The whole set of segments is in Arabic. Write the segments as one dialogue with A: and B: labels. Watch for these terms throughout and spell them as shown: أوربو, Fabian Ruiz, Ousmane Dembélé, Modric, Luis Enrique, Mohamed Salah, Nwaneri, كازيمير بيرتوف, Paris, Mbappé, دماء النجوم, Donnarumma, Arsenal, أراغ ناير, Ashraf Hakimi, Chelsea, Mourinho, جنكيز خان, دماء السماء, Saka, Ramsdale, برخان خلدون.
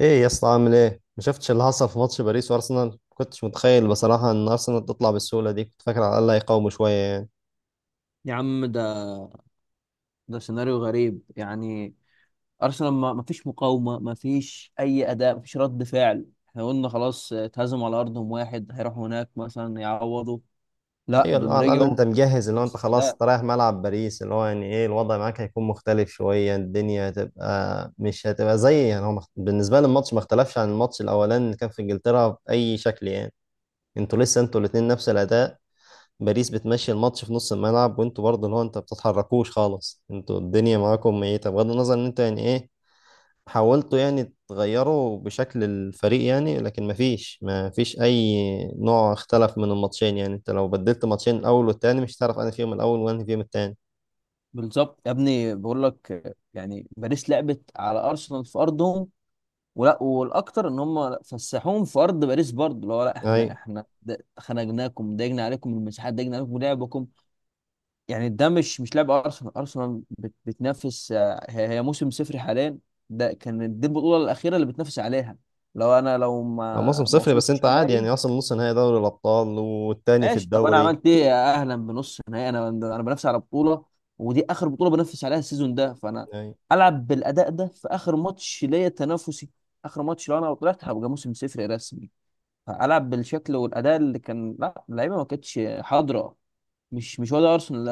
A: ايه يا اسطى؟ عامل ايه؟ ما شفتش اللي حصل في ماتش باريس وارسنال؟ ما كنتش متخيل بصراحه ان ارسنال تطلع بالسهوله دي، كنت فاكر على الاقل هيقاوموا شويه يعني.
B: يا عم ده سيناريو غريب، يعني ارسنال ما فيش مقاومه، ما فيش اي اداء، ما فيش رد فعل. احنا قلنا خلاص اتهزموا على ارضهم واحد، هيروحوا هناك مثلا يعوضوا. لا،
A: ايوه، اللي هو
B: دول
A: على الاقل
B: رجعوا
A: انت مجهز، اللي هو انت
B: نفس
A: خلاص
B: اداء.
A: انت رايح ملعب باريس، اللي هو يعني ايه الوضع معاك هيكون مختلف شويه، الدنيا هتبقى مش هتبقى زي يعني، بالنسبه لي الماتش ما اختلفش عن الماتش الاولاني اللي كان في انجلترا باي شكل يعني. انتوا لسه انتوا الاثنين نفس الاداء. باريس بتمشي الماتش في نص الملعب وانتوا برضه اللي هو انت بتتحركوش خالص، انتوا الدنيا معاكم ميته بغض النظر ان انتوا يعني ايه. حاولتوا يعني تغيروا بشكل الفريق يعني، لكن مفيش أي نوع اختلف من الماتشين يعني. أنت لو بدلت ماتشين الأول والتاني مش هتعرف أنا فيهم الأول وأنا فيهم التاني.
B: بالظبط يا ابني، بقول لك يعني باريس لعبت على ارسنال في ارضهم، ولا والاكتر ان هم فسحوهم في ارض باريس برضه. اللي هو لا احنا،
A: أي.
B: خنقناكم ضايقنا عليكم المساحات، ضايقنا عليكم لعبكم. يعني ده مش لاعب ارسنال. ارسنال بتنافس هي موسم صفري حاليا. ده كان، دي البطوله الاخيره اللي بتنافس عليها. لو انا،
A: موسم
B: ما
A: صفري، بس
B: وصلتش
A: أنت عادي
B: نهائي،
A: يعني، أصلا نص نهائي دوري الأبطال والتاني في
B: ماشي، طب انا
A: الدوري.
B: عملت ايه؟ يا اهلا بنص نهائي. انا بنافس على بطوله، ودي اخر بطوله بنافس عليها السيزون ده، فانا
A: أي.
B: العب بالاداء ده في اخر ماتش ليا تنافسي. اخر ماتش، لو انا طلعت هبقى موسم صفري رسمي، فالعب بالشكل والاداء اللي كان؟ لا، اللعيبه ما كانتش حاضره، مش مش ولا ارسنال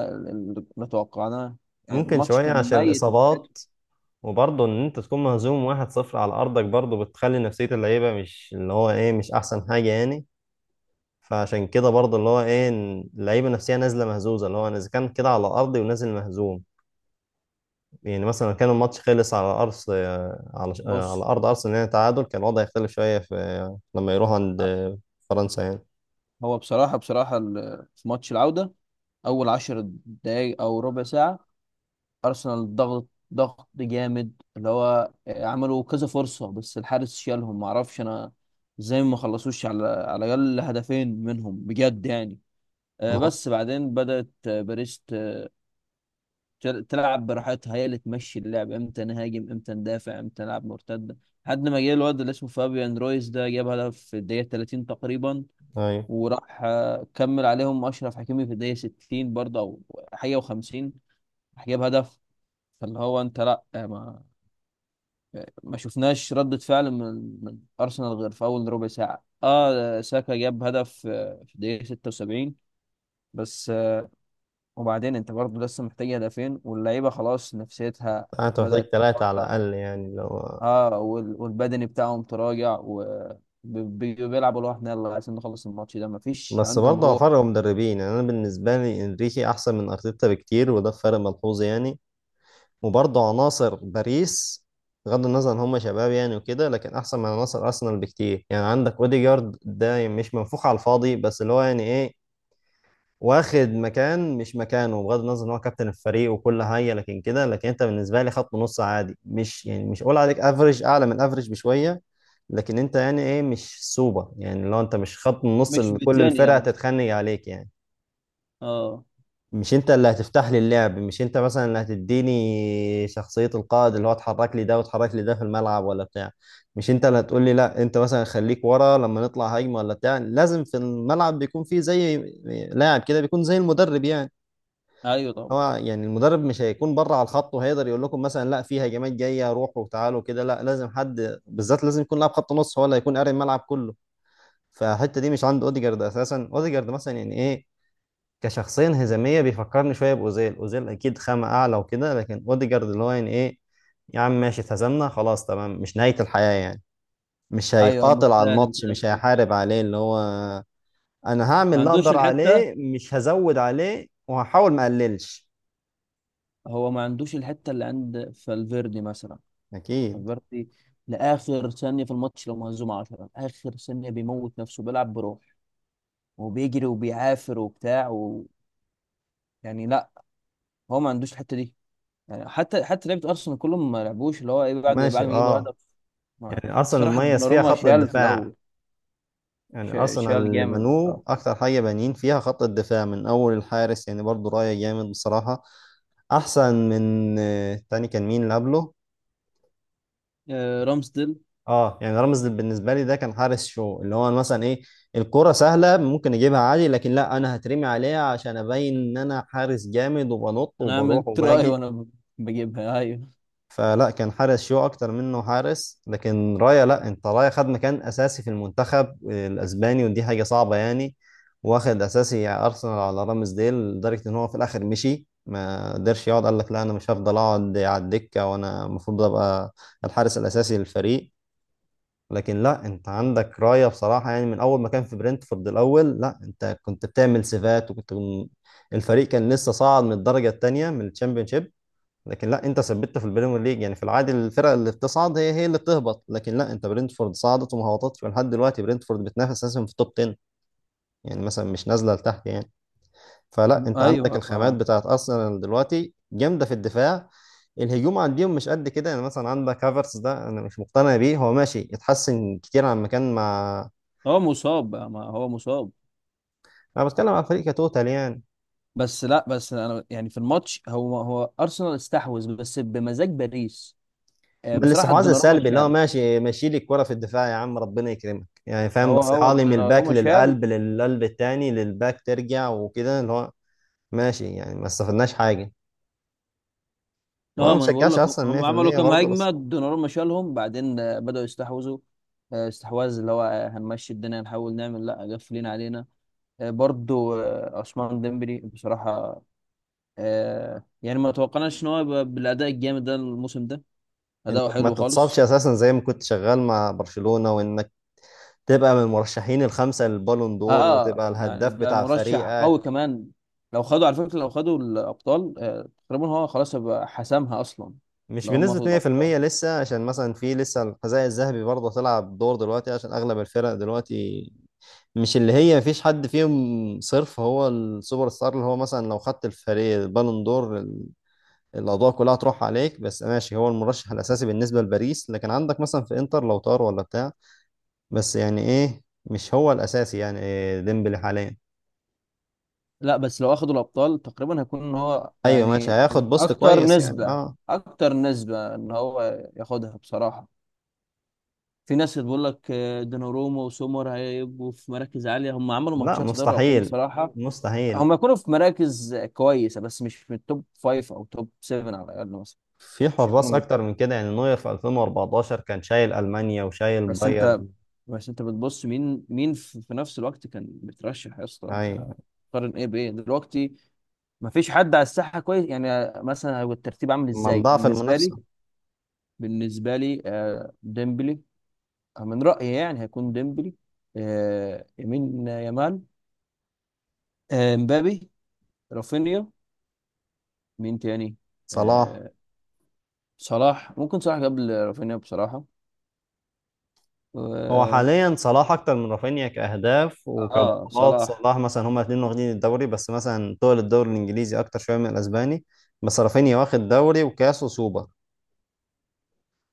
B: اللي توقعناه. يعني
A: ممكن
B: الماتش
A: شوية
B: كان
A: عشان
B: ميت من ناحيته.
A: الإصابات، وبرضه إن أنت تكون مهزوم واحد صفر على أرضك برضه بتخلي نفسية اللعيبة مش اللي هو إيه مش أحسن حاجة يعني. فعشان كده برضه اللي هو ايه إن اللعيبه نفسها نازله مهزوزه، اللي هو انا اذا كان كده على ارضي ونازل مهزوم. يعني مثلا كان الماتش خلص على أرض، على
B: بص،
A: أرض أرسنال، يعني تعادل، كان الوضع يختلف شوية في لما يروح عند فرنسا يعني.
B: هو بصراحه في ماتش العوده، اول عشر دقايق او ربع ساعه ارسنال ضغط، جامد اللي هو عملوا كذا فرصه، بس الحارس شالهم. ما اعرفش انا ازاي ما خلصوش على الاقل هدفين منهم، بجد يعني.
A: ما هو
B: بس بعدين بدات باريس تلعب براحتها، هي اللي تمشي اللعب، امتى نهاجم، امتى ندافع، امتى نلعب مرتده، لحد ما جه الواد اللي اسمه فابيان رويز، ده جاب هدف في الدقيقه 30 تقريبا.
A: أيوة.
B: وراح كمل عليهم اشرف حكيمي في الدقيقه 60 برضه، او حاجه و50، راح جاب هدف. فاللي هو انت لا، ما شفناش ردة فعل من ارسنال غير في اول ربع ساعه. اه، ساكا جاب هدف في الدقيقه 76 بس. وبعدين انت برضه لسه محتاج هدفين، واللعيبه خلاص نفسيتها
A: أنت محتاج
B: بدأت،
A: ثلاثة على الأقل يعني لو.
B: اه، والبدني بتاعهم تراجع، وبيلعبوا لوحدنا، يلا عايزين نخلص الماتش ده، مفيش
A: بس
B: عندهم
A: برضه هو
B: روح.
A: فرق مدربين يعني، أنا بالنسبة لي إنريكي أحسن من أرتيتا بكتير، وده فرق ملحوظ يعني. وبرضه عناصر باريس بغض النظر إن هم شباب يعني وكده، لكن أحسن من عناصر أرسنال بكتير يعني. عندك أوديجارد ده مش منفوخ على الفاضي بس اللي هو يعني إيه، واخد مكان مش مكانه. بغض النظر ان هو كابتن الفريق وكل حاجه لكن كده، لكن انت بالنسبه لي خط نص عادي، مش يعني مش اقول عليك افريج، اعلى من افريج بشويه، لكن انت يعني ايه مش سوبر. يعني لو انت مش خط النص
B: مش
A: اللي كل
B: بتاني
A: الفرق
B: يا مثلا،
A: هتتخنق عليك يعني،
B: اه.
A: مش انت اللي هتفتح لي اللعب، مش انت مثلا اللي هتديني شخصية القائد، اللي هو اتحرك لي ده واتحرك لي ده في الملعب ولا بتاع، مش انت اللي هتقول لي لا انت مثلا خليك ورا لما نطلع هجمة ولا بتاع. لازم في الملعب بيكون في زي لاعب كده بيكون زي المدرب يعني.
B: ايوه طبعا.
A: هو يعني المدرب مش هيكون بره على الخط وهيقدر يقول لكم مثلا لا في هجمات جايه روحوا وتعالوا كده، لا لازم حد بالذات، لازم يكون لاعب خط نص هو اللي هيكون قاري الملعب كله. فالحته دي مش عند اوديجارد اساسا. اوديجارد مثلا يعني ايه كشخصيه انهزاميه، بيفكرني شويه باوزيل، اوزيل اكيد خامه اعلى وكده، لكن اوديجارد اللي هو يعني ايه يا عم ماشي اتهزمنا خلاص تمام مش نهايه الحياه يعني. مش
B: ايوه،
A: هيقاتل على
B: متسالم
A: الماتش،
B: كده
A: مش
B: في نفسه.
A: هيحارب عليه، اللي هو انا هعمل
B: ما
A: اللي
B: عندوش
A: اقدر
B: الحته.
A: عليه مش هزود عليه وهحاول ما اقللش.
B: هو ما عندوش الحته اللي عند فالفيردي مثلا.
A: اكيد.
B: فالفيردي لاخر ثانيه في الماتش، لو مهزوم 10 اخر ثانيه بيموت نفسه، بيلعب بروح، وبيجري، وبيعافر، وبتاع، و... يعني لا، هو ما عندوش الحته دي. يعني حتى لعيبه ارسنال كلهم ما لعبوش اللي هو ايه
A: ماشي
B: بعد ما يجيبوا
A: اه.
B: الهدف ما-
A: يعني ارسنال
B: بصراحة
A: مميز فيها
B: الدوناروما
A: خط
B: شال في
A: الدفاع،
B: الأول.
A: يعني ارسنال
B: شال
A: اللي
B: جامد،
A: بنوه
B: اه.
A: اكتر حاجه بانيين فيها خط الدفاع من اول الحارس، يعني برضو رايه جامد بصراحه، احسن من تاني كان مين اللي قبله.
B: رامسديل.
A: اه يعني رامز بالنسبه لي ده كان حارس شو، اللي هو مثلا ايه الكره سهله ممكن اجيبها عادي لكن لا انا هترمي عليها عشان ابين ان انا حارس جامد وبنط
B: أنا
A: وبروح
B: عملت رأي
A: وباجي.
B: وأنا بجيبها أيوه،
A: فلا، كان حارس شو اكتر منه حارس، لكن رايا لا انت رايا خد مكان اساسي في المنتخب الاسباني ودي حاجه صعبه يعني. واخد اساسي ارسنال على رامز ديل، لدرجه ان هو في الاخر مشي ما قدرش يقعد، قال لك لا انا مش هفضل اقعد على الدكه وانا المفروض ابقى الحارس الاساسي للفريق. لكن لا انت عندك رايا بصراحه، يعني من اول ما كان في برنتفورد الاول، لا انت كنت بتعمل سيفات، وكنت الفريق كان لسه صاعد من الدرجه الثانيه من الشامبيونشيب، لكن لا انت ثبتت في البريمير ليج. يعني في العادي الفرق اللي بتصعد هي هي اللي بتهبط، لكن لا انت برينتفورد صعدت وما هبطتش، ولحد دلوقتي برينتفورد بتنافس اساسا في التوب 10، يعني مثلا مش نازله لتحت يعني. فلا انت عندك
B: أيوه ف-
A: الخامات بتاعت ارسنال دلوقتي جامده في الدفاع. الهجوم عندهم مش قد كده، يعني مثلا عندك هافرتس ده انا مش مقتنع بيه، هو ماشي اتحسن كتير عن مكان مع.
B: هو مصاب بقى، ما هو مصاب.
A: انا بتكلم على الفريق كتوتال يعني،
B: بس لا بس أنا يعني في الماتش، هو أرسنال استحوذ بس بمزاج باريس.
A: من
B: بصراحة
A: الاستحواذ
B: الدوناروما
A: السلبي اللي هو
B: شال،
A: ماشي ماشي لي الكرة في الدفاع يا عم ربنا يكرمك يعني فاهم،
B: هو
A: بصيها لي من الباك
B: الدوناروما شال.
A: للقلب، للقلب التاني، للباك، ترجع وكده، اللي هو ماشي يعني ما استفدناش حاجة. وانا
B: اه،
A: ما
B: ما انا بقول
A: بشجعش
B: لك،
A: اصلا
B: هم عملوا
A: 100%
B: كام
A: برضه، بس
B: هجمه، دوناروما شالهم، بعدين بدأوا يستحوذوا، استحواذ اللي هو هنمشي الدنيا، نحاول نعمل، لا قافلين علينا. برضو عثمان ديمبلي بصراحة، يعني ما توقعناش ان هو يبقى بالاداء الجامد ده الموسم ده. اداؤه
A: انك ما
B: حلو
A: تتصابش
B: خالص.
A: اساسا زي ما كنت شغال مع برشلونة وانك تبقى من المرشحين الخمسة للبالون دور
B: اه،
A: وتبقى
B: يعني
A: الهداف
B: ده
A: بتاع
B: مرشح قوي
A: فريقك
B: كمان. لو خدوا، على فكرة، لو خدوا الابطال تقريبا هو خلاص هيبقى حسمها اصلا.
A: مش
B: لو هم
A: بنسبة
B: اخدوا الابطال،
A: 100%. لسه عشان مثلا في لسه الحذاء الذهبي برضه هتلعب دور دلوقتي، عشان اغلب الفرق دلوقتي مش اللي هي مفيش حد فيهم صرف هو السوبر ستار، اللي هو مثلا لو خدت الفريق البالون دور الأضواء كلها هتروح عليك، بس ماشي هو المرشح الأساسي بالنسبة لباريس، لكن عندك مثلا في إنتر لو طار ولا بتاع، بس يعني إيه مش هو الأساسي، يعني إيه ديمبلي حاليا.
B: لا بس لو اخدوا الابطال تقريبا هيكون ان هو
A: أيوه ماشي
B: يعني
A: هياخد بوست
B: اكتر
A: كويس يعني
B: نسبة
A: أه.
B: اكتر نسبة ان هو ياخدها بصراحة. في ناس بتقول لك دوناروما وسومر هيبقوا في مراكز عاليه، هم عملوا
A: لا
B: ماتشات في دوري الابطال
A: مستحيل.
B: بصراحه.
A: مستحيل.
B: هم يكونوا في مراكز كويسه، بس مش من التوب فايف او توب 7 على الاقل مثلا،
A: في
B: مش هيكونوا
A: حراس
B: من
A: أكتر من كده، يعني نوير في 2014 كان شايل ألمانيا وشايل
B: بس انت
A: بايرن.
B: بس انت بتبص مين في نفس الوقت كان مترشح يا اسطى؟ انت
A: أيوه.
B: قارن ايه بايه دلوقتي؟ ما فيش حد على الساحه كويس يعني. مثلا هو الترتيب عامل
A: أمال
B: ازاي
A: ضعف
B: بالنسبه لي؟
A: المنافسة.
B: ديمبلي، من رايي يعني هيكون ديمبلي، يمين يامال، مبابي، رافينيا، مين تاني؟
A: صلاح.
B: آه، صلاح. ممكن صلاح قبل رافينيا بصراحة،
A: هو
B: و-
A: حاليا صلاح اكتر من رافينيا كاهداف
B: اه
A: وكبطولات.
B: صلاح.
A: صلاح مثلا هما الاثنين واخدين الدوري، بس مثلا طول الدوري الانجليزي اكتر شويه من الاسباني. بس رافينيا واخد دوري وكاس وسوبر،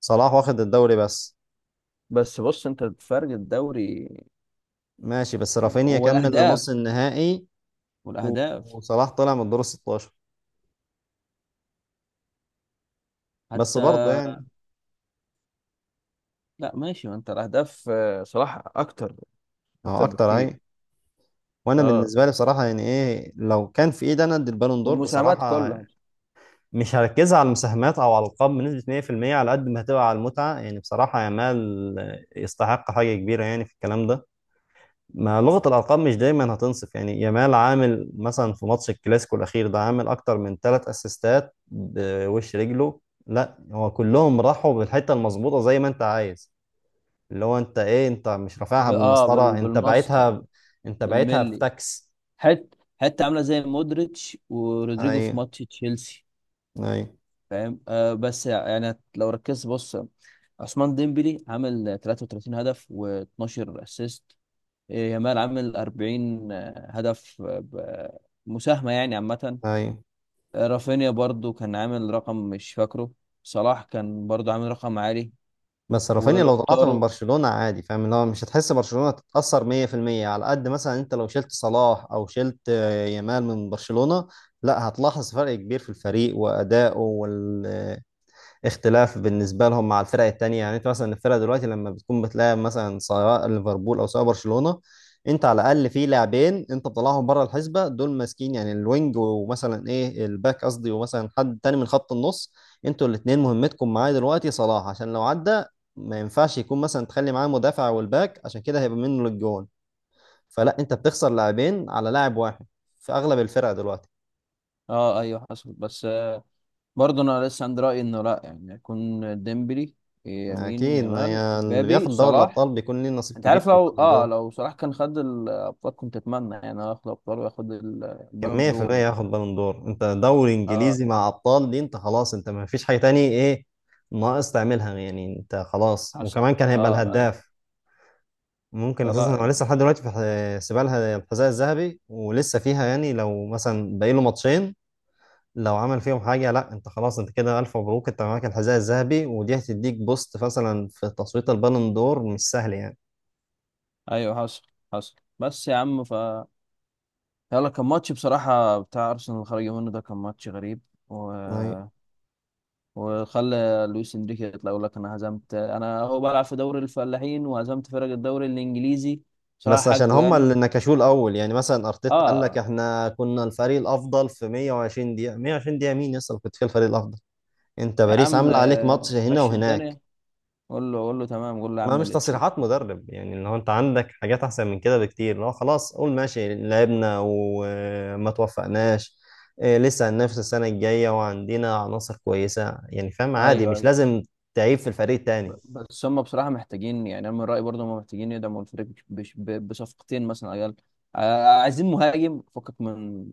A: صلاح واخد الدوري بس.
B: بس بص، انت فرق الدوري
A: ماشي، بس رافينيا كمل
B: والاهداف
A: لنص النهائي، و-
B: والاهداف
A: وصلاح طلع من الدور 16. بس
B: حتى
A: برضه يعني
B: لا ماشي، ما انت الاهداف صلاح اكتر،
A: ما هو
B: اكتر
A: اكتر
B: بكتير.
A: اهي. وانا
B: اه،
A: بالنسبه لي بصراحه يعني ايه، لو كان في ايدي انا ادي البالون دور
B: والمساهمات
A: بصراحه،
B: كلها
A: مش هركزها على المساهمات او على الالقاب بنسبه 100%، على قد ما هتبقى على المتعه يعني بصراحه، يامال يستحق حاجه كبيره يعني في الكلام ده. ما لغه الارقام مش دايما هتنصف. يعني يامال عامل مثلا في ماتش الكلاسيكو الاخير ده عامل اكتر من ثلاث اسيستات بوش رجله، لا هو كلهم راحوا بالحته المظبوطه زي ما انت عايز، اللي هو انت ايه انت مش رافعها بالمسطره، انت
B: بالماستر
A: بعتها، انت بعتها في
B: بالملي.
A: تاكس.
B: حت حتى عامله زي مودريتش ورودريجو
A: ايوه.
B: في ماتش تشيلسي،
A: ايوه.
B: فاهم؟ آه، بس يعني لو ركزت، بص، عثمان ديمبلي عامل 33 هدف و12 اسيست، يامال عامل 40 هدف مساهمة يعني عامة.
A: ايوه.
B: رافينيا برضو كان عامل رقم، مش فاكره. صلاح كان برضو عامل رقم عالي،
A: بس رافينيا لو طلعت من
B: ولوتارو.
A: برشلونة عادي فاهم اللي هو مش هتحس برشلونة تتأثر 100%. على قد مثلا انت لو شلت صلاح او شلت يامال من برشلونة، لا هتلاحظ فرق كبير في الفريق وأدائه وال اختلاف بالنسبه لهم مع الفرق التانية يعني. انت مثلا الفرق دلوقتي لما بتكون بتلاعب مثلا سواء ليفربول او سواء برشلونه، انت على الاقل في لاعبين انت بتطلعهم بره الحسبه، دول ماسكين يعني الوينج ومثلا ايه الباك قصدي ومثلا حد تاني من خط النص، انتوا الاثنين مهمتكم معايا دلوقتي صلاح عشان لو عدى ما ينفعش يكون مثلا تخلي معاه مدافع والباك عشان كده هيبقى منه للجون، فلا انت بتخسر لاعبين على لاعب واحد في اغلب الفرق دلوقتي.
B: اه ايوه، حصل. بس برضو انا لسه عندي رأيي انه لا، يعني يكون ديمبلي،
A: يعني
B: يمين
A: اكيد
B: يامال،
A: هي اللي
B: مبابي،
A: بياخد دوري
B: صلاح.
A: الابطال بيكون ليه نصيب
B: انت
A: كبير
B: عارف،
A: في البالون دور.
B: لو صلاح كان خد الابطال كنت اتمنى يعني هو ياخد الابطال وياخد
A: كان
B: البالون دور
A: 100%
B: يعني.
A: ياخد بالون دور، انت دوري
B: اه
A: انجليزي مع ابطال دي انت خلاص انت ما فيش حاجه تاني ايه ناقص تعملها يعني، انت خلاص
B: حصل،
A: وكمان كان هيبقى
B: اه ايوه.
A: الهداف. ممكن اساسا
B: فلا
A: هو
B: يعني.
A: لسه لحد دلوقتي في سيبها الحذاء الذهبي ولسه فيها، يعني لو مثلا باقي له ماتشين لو عمل فيهم حاجه لا انت خلاص انت كده الف مبروك انت معاك الحذاء الذهبي، ودي هتديك بوست مثلا في تصويت البالون دور مش سهل يعني.
B: ايوه حصل، حصل. بس يا عم، يلا، كان ماتش بصراحة، بتاع ارسنال اللي خرج منه ده كان ماتش غريب و...
A: طيب.
B: وخلى لويس انريكي يطلع يقول لك انا هزمت، انا هو بلعب في دوري الفلاحين وهزمت فرق الدوري الانجليزي. بصراحة
A: بس عشان
B: حقه
A: هما
B: يعني.
A: اللي نكشوه الاول، يعني مثلا ارتيتا قال لك
B: اه
A: احنا كنا الفريق الافضل في 120 دقيقه، 120 دقيقه مين يصل كنت فيها الفريق الافضل؟ انت
B: يا
A: باريس
B: عم،
A: عامله عليك ماتش هنا
B: مشي
A: وهناك.
B: الدنيا، قول له تمام، قول له يا
A: ما
B: عم
A: مش
B: اللي تشوف.
A: تصريحات مدرب يعني، اللي هو انت عندك حاجات احسن من كده بكتير، لو خلاص قول ماشي لعبنا وما توفقناش إيه، لسه هننافس السنه الجايه وعندنا عناصر كويسه يعني، فاهم؟ عادي
B: ايوه،
A: مش
B: ايوه،
A: لازم تعيب في الفريق التاني.
B: بس هم بصراحة محتاجين، يعني أنا من رأيي برضه هم محتاجين يدعموا الفريق بصفقتين مثلا، عيال عايزين مهاجم فكك من،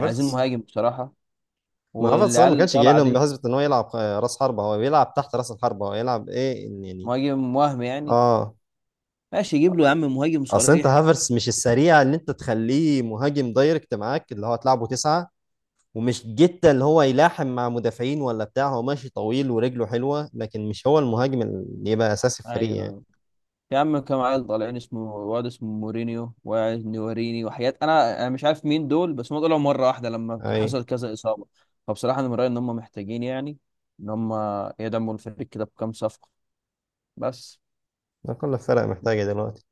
B: عايزين مهاجم بصراحة،
A: ما هو صلاح ما
B: والعيال اللي
A: كانش جاي
B: طالعة
A: لهم
B: دي
A: بحسبة ان هو يلعب راس حربة، هو بيلعب تحت راس الحربة، هو يلعب ايه إن يعني.
B: مهاجم، وهم يعني،
A: اه.
B: ماشي يجيب له يا عم مهاجم
A: اصل انت
B: صريح.
A: هافرس مش السريع اللي انت تخليه مهاجم دايركت معاك اللي هو تلعبه تسعة، ومش جدا اللي هو يلاحم مع مدافعين ولا بتاع، هو ماشي طويل ورجله حلوة لكن مش هو المهاجم اللي يبقى اساسي في
B: أيوه،
A: الفريق يعني.
B: أيوه. يا عم كام عيل طالعين، اسمه واد اسمه مورينيو، وواحد نواريني، وحاجات أنا مش عارف مين دول، بس هم طلعوا مرة واحدة لما
A: اي.
B: حصل كذا إصابة. فبصراحة أنا من رأيي إن هم محتاجين يعني، إن هم يدعموا الفريق كده بكام صفقة بس.
A: ده كل الفرق محتاجة دلوقتي.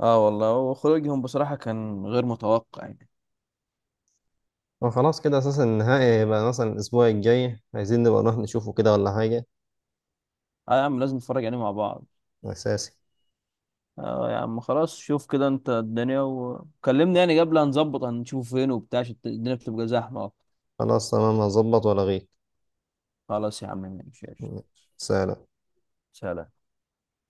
B: اه والله، وخروجهم بصراحة كان غير متوقع يعني.
A: وخلاص كده اساسا النهائي هيبقى مثلا الاسبوع الجاي، عايزين نبقى نروح نشوفه كده ولا حاجة؟
B: اه يا عم لازم نتفرج عليه مع بعض.
A: اساسي.
B: اه يا عم، خلاص، شوف كده انت الدنيا وكلمني يعني قبل، هنظبط، هنشوف فين وبتاع عشان الدنيا بتبقى زحمة.
A: خلاص تمام هظبط ولا غير.
B: خلاص يا عم، ماشي، قشطة.
A: سلام.
B: سلام.